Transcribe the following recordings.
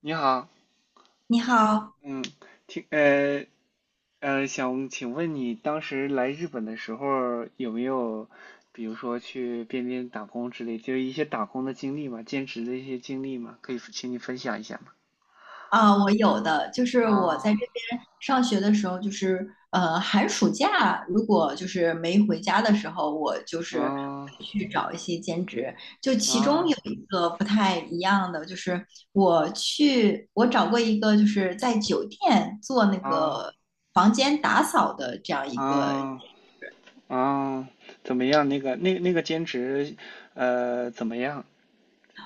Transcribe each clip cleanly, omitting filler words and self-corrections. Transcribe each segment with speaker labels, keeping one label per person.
Speaker 1: 你好，
Speaker 2: 你好
Speaker 1: 嗯，听，呃，想请问你当时来日本的时候有没有，比如说去边边打工之类，就是一些打工的经历嘛，兼职的一些经历嘛，可以请你分享一下吗？
Speaker 2: 啊，我有的就是我在这
Speaker 1: 啊，
Speaker 2: 边上学的时候，就是寒暑假如果就是没回家的时候，我就是
Speaker 1: 啊
Speaker 2: 去找一些兼职。就其中
Speaker 1: 啊
Speaker 2: 有一个不太一样的，就是我找过一个就是在酒店做那
Speaker 1: 啊
Speaker 2: 个房间打扫的这样一个。
Speaker 1: 啊啊！怎么样？那个兼职，怎么样？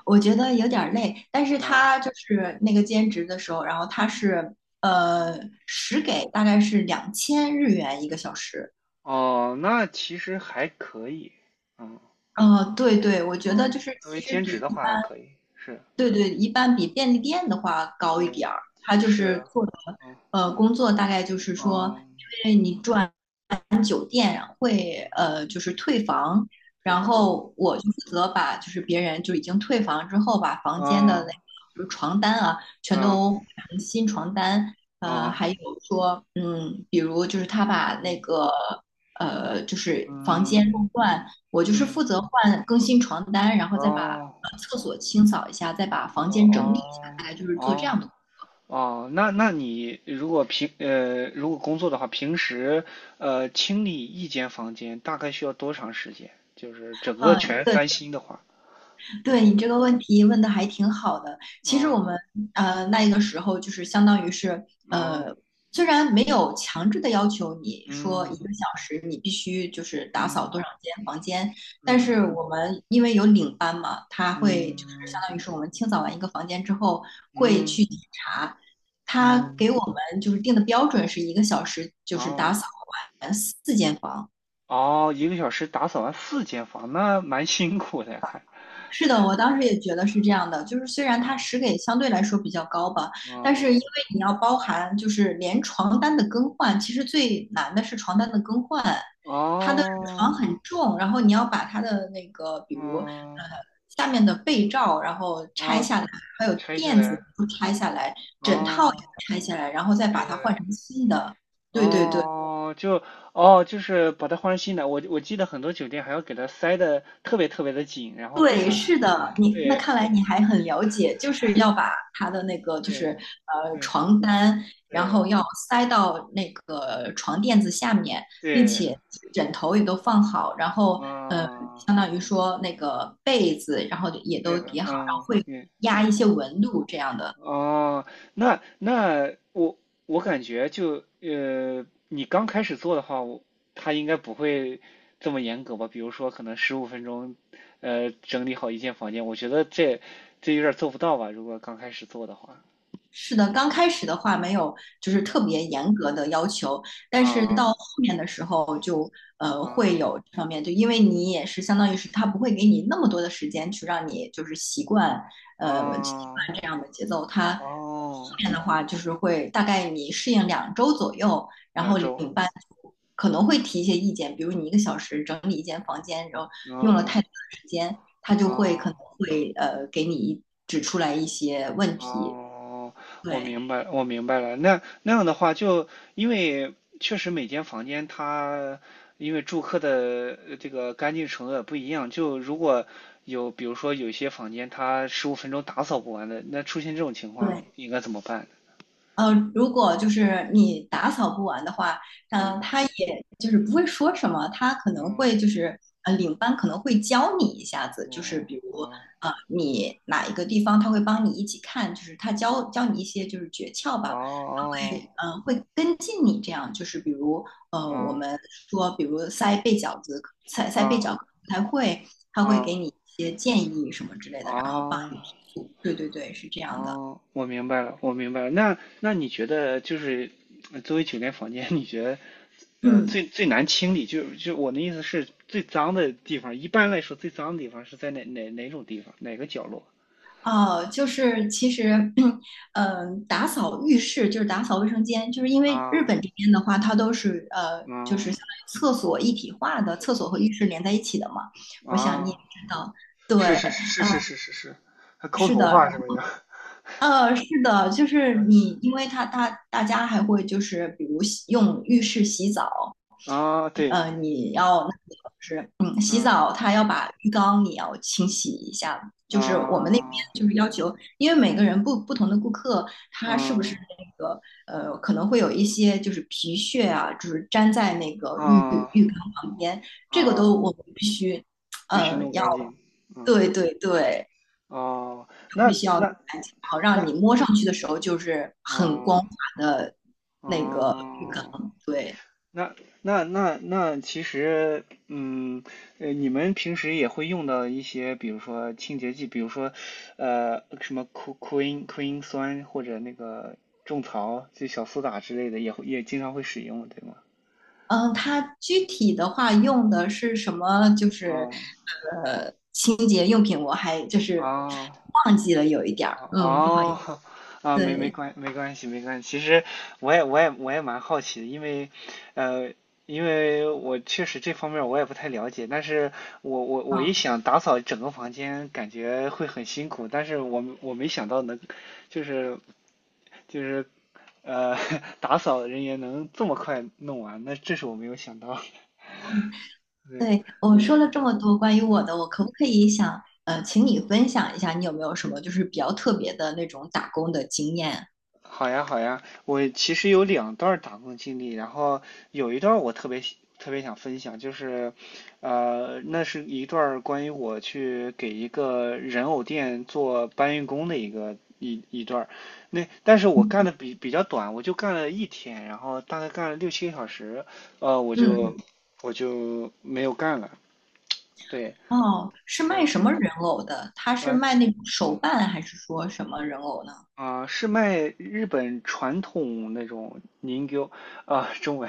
Speaker 2: 我觉得有点儿累，但是
Speaker 1: 啊，
Speaker 2: 他就是那个兼职的时候，然后他是呃
Speaker 1: 嗯，
Speaker 2: 时给大概是2000日元一个小时。
Speaker 1: 哦，那其实还可以，嗯
Speaker 2: 对对，我觉得就
Speaker 1: 嗯，
Speaker 2: 是
Speaker 1: 作为
Speaker 2: 其实
Speaker 1: 兼
Speaker 2: 比
Speaker 1: 职的
Speaker 2: 一
Speaker 1: 话
Speaker 2: 般，
Speaker 1: 还可以，是，
Speaker 2: 对对，一般比便利店的话高一
Speaker 1: 嗯，
Speaker 2: 点儿。他就是
Speaker 1: 是，
Speaker 2: 做的
Speaker 1: 嗯
Speaker 2: 工作大概就是说，
Speaker 1: 嗯
Speaker 2: 因为你赚。店会
Speaker 1: 嗯，
Speaker 2: 就是退房，
Speaker 1: 退
Speaker 2: 然
Speaker 1: 房，
Speaker 2: 后我就负责把就是别人就已经退房之后，把房间的那个
Speaker 1: 嗯
Speaker 2: 就是床单啊，全
Speaker 1: 嗯
Speaker 2: 都换成新床单，
Speaker 1: 嗯
Speaker 2: 还有说比如就是他把那
Speaker 1: 嗯
Speaker 2: 个就是房间
Speaker 1: 嗯
Speaker 2: 弄乱，我就是
Speaker 1: 嗯，
Speaker 2: 负责换更新床单，然后再把
Speaker 1: 哦
Speaker 2: 厕所清扫一下，再把房间整理一下，
Speaker 1: 哦
Speaker 2: 大概就
Speaker 1: 哦
Speaker 2: 是做这
Speaker 1: 哦
Speaker 2: 样的。
Speaker 1: 哦，那你如果工作的话，平时清理一间房间大概需要多长时间？就是整个
Speaker 2: 嗯，
Speaker 1: 全
Speaker 2: 对，
Speaker 1: 翻新的话，
Speaker 2: 对
Speaker 1: 嗯
Speaker 2: 你这个问题问的还挺好的。其实我
Speaker 1: 嗯
Speaker 2: 们那一个时候就是相当于是呃，虽然没有强制的要求你说一
Speaker 1: 嗯
Speaker 2: 个小时你必须就是打扫
Speaker 1: 嗯
Speaker 2: 多少间房间，但是
Speaker 1: 嗯
Speaker 2: 我们因为有领班嘛，他会就是
Speaker 1: 嗯
Speaker 2: 相当于是我们清扫完一个房间之后会
Speaker 1: 嗯嗯
Speaker 2: 去检查，他
Speaker 1: 嗯，
Speaker 2: 给我们就是定的标准是一个小时就是打
Speaker 1: 哦。
Speaker 2: 扫完4间房。
Speaker 1: 哦，一个小时打扫完四间房，那蛮辛苦的呀，看。
Speaker 2: 是的，我当时也觉得是这样的，就是虽然它
Speaker 1: 啊，
Speaker 2: 时给相对来说比较高吧，但是因为
Speaker 1: 哦，
Speaker 2: 你要包含就是连床单的更换，其实最难的是床单的更换，它的
Speaker 1: 哦，
Speaker 2: 床很重，然后你要把它的那个比如
Speaker 1: 哦，
Speaker 2: 下面的被罩，然后拆
Speaker 1: 哦，
Speaker 2: 下来，还有
Speaker 1: 拆下
Speaker 2: 垫子也
Speaker 1: 来，
Speaker 2: 都拆下来，枕套也
Speaker 1: 哦，
Speaker 2: 拆下来，然后再把
Speaker 1: 拆
Speaker 2: 它
Speaker 1: 下
Speaker 2: 换
Speaker 1: 来，
Speaker 2: 成新的。对对对。
Speaker 1: 哦，就，哦，就是把它换成新的。我记得很多酒店还要给它塞的特别特别的紧，然后非
Speaker 2: 对，
Speaker 1: 常，
Speaker 2: 是的，你那
Speaker 1: 对，
Speaker 2: 看来你还很了解，就是要把他的那个就是
Speaker 1: 对，对，
Speaker 2: 床单，然
Speaker 1: 对，
Speaker 2: 后要塞到那个床垫子下面，并
Speaker 1: 对，
Speaker 2: 且枕头也都放好，然后呃
Speaker 1: 啊，嗯
Speaker 2: 相当于说那个被子，然后也都
Speaker 1: 对的，
Speaker 2: 叠好，然后
Speaker 1: 嗯，
Speaker 2: 会
Speaker 1: 对，
Speaker 2: 压一些
Speaker 1: 啊。
Speaker 2: 纹路这样的。
Speaker 1: 哦，那我感觉就你刚开始做的话，他应该不会这么严格吧？比如说，可能十五分钟，整理好一间房间，我觉得这有点儿做不到吧？如果刚开始做的话。
Speaker 2: 是的，刚开始的话没有，就是
Speaker 1: 哦
Speaker 2: 特别严格的要求，但是到
Speaker 1: 啊
Speaker 2: 后面的时候就会有
Speaker 1: 啊
Speaker 2: 这方面，就因为你也是相当于是他不会给你那么多的时间去让你就是习惯呃习
Speaker 1: 啊
Speaker 2: 惯这样的节奏，他后
Speaker 1: 哦，
Speaker 2: 面的话就是会大概你适应2周左右，然
Speaker 1: 两
Speaker 2: 后领
Speaker 1: 周，
Speaker 2: 班就可能会提一些意见，比如你一个小时整理一间房间，然后用了
Speaker 1: 嗯
Speaker 2: 太多的时间，他就
Speaker 1: 啊。
Speaker 2: 会可能
Speaker 1: 哦
Speaker 2: 会给你指出来一些问题，
Speaker 1: 哦，我
Speaker 2: 对。
Speaker 1: 明白，我明白了。那样的话就，因为确实每间房间它因为住客的这个干净程度也不一样，就如果有比如说有些房间它十五分钟打扫不完的，那出现这种情况
Speaker 2: 对，
Speaker 1: 应该怎么办呢？
Speaker 2: 如果就是你打扫不完的话，
Speaker 1: 嗯
Speaker 2: 他也就是不会说什么，他可能
Speaker 1: 嗯
Speaker 2: 会就是领班可能会教你一下子，就是
Speaker 1: 嗯
Speaker 2: 比如
Speaker 1: 哦
Speaker 2: 你哪一个地方他会帮你一起看，就是他教教你一些就是诀窍吧，他
Speaker 1: 哦
Speaker 2: 会会跟进你这样，就是比如我
Speaker 1: 哦
Speaker 2: 们说比如塞被饺子，塞
Speaker 1: 哦
Speaker 2: 塞被
Speaker 1: 哦
Speaker 2: 饺子不太会，他会给
Speaker 1: 哦
Speaker 2: 你一些建议什么之类的，然后帮
Speaker 1: 哦。
Speaker 2: 你提速。对对对，是这样的。
Speaker 1: 哦，我明白了，我明白了。那你觉得就是作为酒店房间，你觉得呃
Speaker 2: 嗯。
Speaker 1: 最最难清理，就我的意思是最脏的地方，一般来说最脏的地方是在哪种地方，哪个角落？
Speaker 2: 哦，就是其实，打扫浴室就是打扫卫生间，就是因为日
Speaker 1: 啊，
Speaker 2: 本这边的话，它都是就是
Speaker 1: 嗯
Speaker 2: 相当于厕所一体化的，厕所和浴室连在一起的嘛。我想你也
Speaker 1: 啊，
Speaker 2: 知道，对，
Speaker 1: 是是是是是是是，还抠
Speaker 2: 是
Speaker 1: 头
Speaker 2: 的，
Speaker 1: 发是什么呀？
Speaker 2: 是的，就是 你，因为它大家还会就是比如洗用浴室洗澡，
Speaker 1: 啊，对，
Speaker 2: 你要那个就是洗澡
Speaker 1: 嗯
Speaker 2: 他要把浴缸你要清洗一下，就是我们那。
Speaker 1: 啊
Speaker 2: 因为每个人不同的顾客，他是不
Speaker 1: 嗯
Speaker 2: 是那个可能会有一些就是皮屑啊，就是粘在那个
Speaker 1: 啊
Speaker 2: 浴缸旁边，这个都
Speaker 1: 啊，
Speaker 2: 我们必须
Speaker 1: 必须弄
Speaker 2: 要
Speaker 1: 干净。嗯
Speaker 2: 对对对，
Speaker 1: 哦，那
Speaker 2: 必须要弄
Speaker 1: 那
Speaker 2: 干净，好让
Speaker 1: 那
Speaker 2: 你摸上去的时候就是很光
Speaker 1: 啊
Speaker 2: 滑的那个浴
Speaker 1: 哦，
Speaker 2: 缸。对，
Speaker 1: 那那，其实，嗯，你们平时也会用到一些，比如说清洁剂，比如说，什么 Q Q 因 Q 因酸或者那个种草，就小苏打之类的，也会也经常会使用，对吗？
Speaker 2: 嗯，它具体的话用的是什么？就是
Speaker 1: 啊
Speaker 2: 清洁用品，我还就是
Speaker 1: 啊。
Speaker 2: 忘记了有一点儿，嗯，不好意
Speaker 1: 哦，
Speaker 2: 思，
Speaker 1: 啊，
Speaker 2: 对。
Speaker 1: 没关系。其实我也蛮好奇的，因为呃，因为我确实这方面我也不太了解，但是我一
Speaker 2: 啊。
Speaker 1: 想打扫整个房间，感觉会很辛苦，但是我没想到能就是就是呃 打扫人员能这么快弄完，那这是我没有想到。
Speaker 2: 嗯，
Speaker 1: 对
Speaker 2: 对，我说
Speaker 1: 对，
Speaker 2: 了这么多关于我
Speaker 1: 嗯
Speaker 2: 的，我可不可以想，请你分享一下，你有没有什么就是比较特别的那种打工的经验？
Speaker 1: 好呀，好呀，我其实有两段儿打工经历，然后有一段儿我特别想分享，就是，那是一段儿关于我去给一个人偶店做搬运工的一个一段儿那但是我
Speaker 2: 嗯，
Speaker 1: 干的比较短，我就干了一天，然后大概干了六七个小时，呃，我就
Speaker 2: 嗯
Speaker 1: 我就没有干了，对，
Speaker 2: 哦，是
Speaker 1: 对，
Speaker 2: 卖什么人偶的？他是卖那种手办，还是说什么人偶呢？
Speaker 1: 啊，是卖日本传统那种凝 i 啊，中文，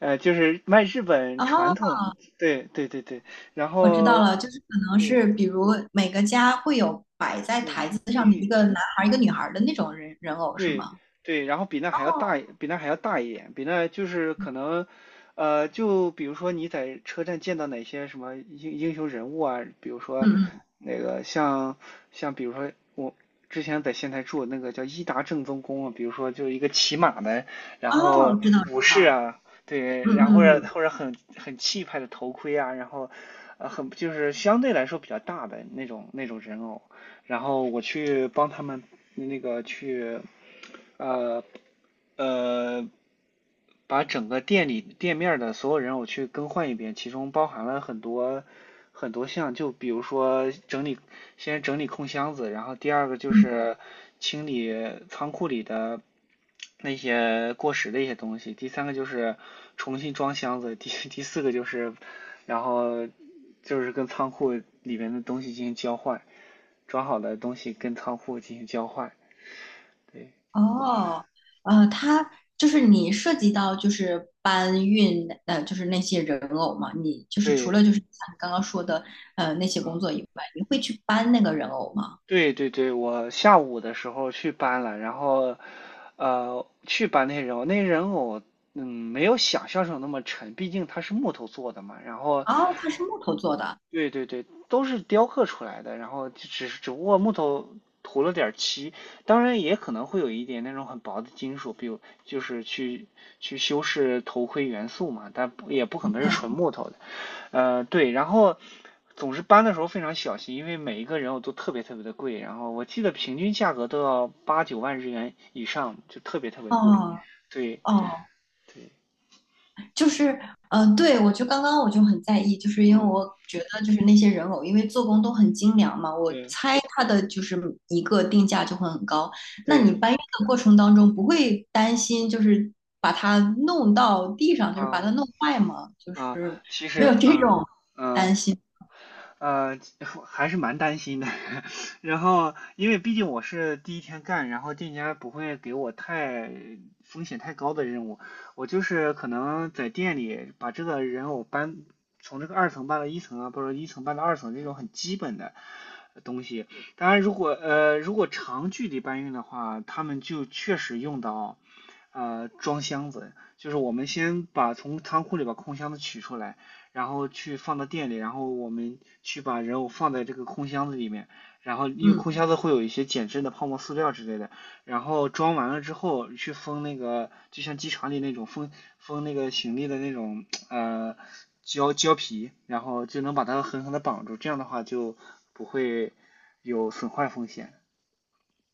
Speaker 1: 就是卖日本传
Speaker 2: 哦，
Speaker 1: 统，对对对对，然
Speaker 2: 我知道
Speaker 1: 后
Speaker 2: 了，就是可能是
Speaker 1: 对
Speaker 2: 比如每个家会有摆在
Speaker 1: 对
Speaker 2: 台子上的一
Speaker 1: 对，
Speaker 2: 个男孩儿一个女孩儿的那种人人偶，是
Speaker 1: 对
Speaker 2: 吗？
Speaker 1: 对，然后比那还要
Speaker 2: 哦，
Speaker 1: 大一比那还要大一点，比那就是可能，就比如说你在车站见到哪些什么英雄人物啊，比如
Speaker 2: 嗯
Speaker 1: 说
Speaker 2: 嗯，
Speaker 1: 那个像比如说我之前在仙台住那个叫伊达正宗宫啊，比如说就是一个骑马的，然后
Speaker 2: 哦，知道知
Speaker 1: 武士
Speaker 2: 道，
Speaker 1: 啊，对，
Speaker 2: 嗯
Speaker 1: 然后或
Speaker 2: 嗯
Speaker 1: 者
Speaker 2: 嗯
Speaker 1: 或者很气派的头盔啊，然后很就是相对来说比较大的那种人偶，然后我去帮他们那个去。呃呃，把整个店面儿的所有人我去更换一遍，其中包含了很多很多项，就比如说整理，先整理空箱子，然后第二个就
Speaker 2: 嗯。
Speaker 1: 是清理仓库里的那些过时的一些东西，第三个就是重新装箱子，第四个就是然后就是跟仓库里面的东西进行交换，装好的东西跟仓库进行交换，对
Speaker 2: 哦，他就是你涉及到就是搬运，就是那些人偶嘛，你就是除
Speaker 1: 对，
Speaker 2: 了就是像你刚刚说的，那些工
Speaker 1: 嗯。
Speaker 2: 作以外，你会去搬那个人偶吗？
Speaker 1: 对对对，我下午的时候去搬了，然后，去搬那些人偶，那些人偶，嗯，没有想象中那么沉，毕竟它是木头做的嘛。然后
Speaker 2: 哦，它是木头做的，
Speaker 1: 对对对，都是雕刻出来的，然后就只是只不过木头涂了点儿漆，当然也可能会有一点那种很薄的金属，比如就是去修饰头盔元素嘛，但不也不可能是
Speaker 2: 对，
Speaker 1: 纯木头的。对，然后总之搬的时候非常小心，因为每一个人偶都特别特别的贵，然后我记得平均价格都要八九万日元以上，就特别特别贵。
Speaker 2: 哦
Speaker 1: 对
Speaker 2: 哦，
Speaker 1: 对，
Speaker 2: 就是，对，我刚刚很在意，就是因为
Speaker 1: 嗯，
Speaker 2: 我觉得就是那些人偶，因为做工都很精良嘛，我
Speaker 1: 对
Speaker 2: 猜它的就是一个定价就会很高。那
Speaker 1: 对，
Speaker 2: 你搬运的过程当中不会担心就是把它弄到地上，就是把
Speaker 1: 啊
Speaker 2: 它弄坏吗？就
Speaker 1: 啊，
Speaker 2: 是
Speaker 1: 其
Speaker 2: 没有
Speaker 1: 实
Speaker 2: 这
Speaker 1: 啊
Speaker 2: 种
Speaker 1: 嗯。
Speaker 2: 担心。
Speaker 1: 呃，还是蛮担心的。然后，因为毕竟我是第一天干，然后店家不会给我太风险太高的任务，我就是可能在店里把这个人偶搬从这个二层搬到一层啊，或者一层搬到二层这种很基本的东西。当然，如果如果长距离搬运的话，他们就确实用到装箱子，就是我们先把从仓库里把空箱子取出来。然后去放到店里，然后我们去把人偶放在这个空箱子里面，然后因为
Speaker 2: 嗯，
Speaker 1: 空箱子会有一些减震的泡沫塑料之类的，然后装完了之后去封那个，就像机场里那种封那个行李的那种胶皮，然后就能把它狠狠的绑住，这样的话就不会有损坏风险。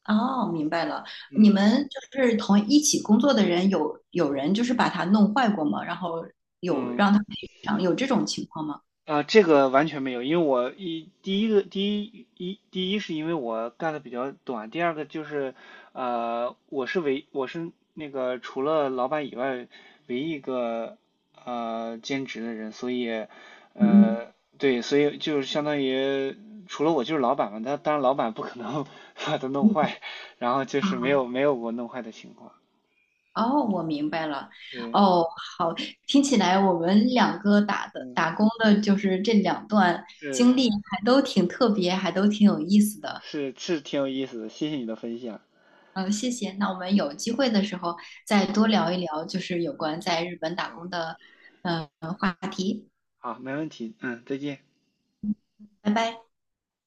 Speaker 2: 哦，明白了。你
Speaker 1: 嗯
Speaker 2: 们就是同一起工作的人有人就是把它弄坏过吗？然后有
Speaker 1: 嗯，
Speaker 2: 让他赔偿，有这种情况吗？
Speaker 1: 啊，这个完全没有，因为我一第一个第一一第一是因为我干的比较短，第二个就是我是那个除了老板以外唯一一个兼职的人，所以
Speaker 2: 嗯
Speaker 1: 呃对，所以就是相当于除了我就是老板嘛，他当然老板不可能 把它弄
Speaker 2: 嗯
Speaker 1: 坏，然后就是没
Speaker 2: 嗯。
Speaker 1: 有没有过弄坏的情况，
Speaker 2: 哦，我明白了。
Speaker 1: 对，
Speaker 2: 哦，好，听起来我们两个打的
Speaker 1: 嗯，
Speaker 2: 打工的，就是这两段经
Speaker 1: 是
Speaker 2: 历还都挺特别，还都挺有意思的。
Speaker 1: 是是挺有意思的，谢谢你的分享，
Speaker 2: 嗯，谢谢。那我们有机会的时候再多聊一聊，就是有关在日本打
Speaker 1: 好，
Speaker 2: 工的呃话题。
Speaker 1: 好，没问题，嗯，再见。
Speaker 2: 拜拜。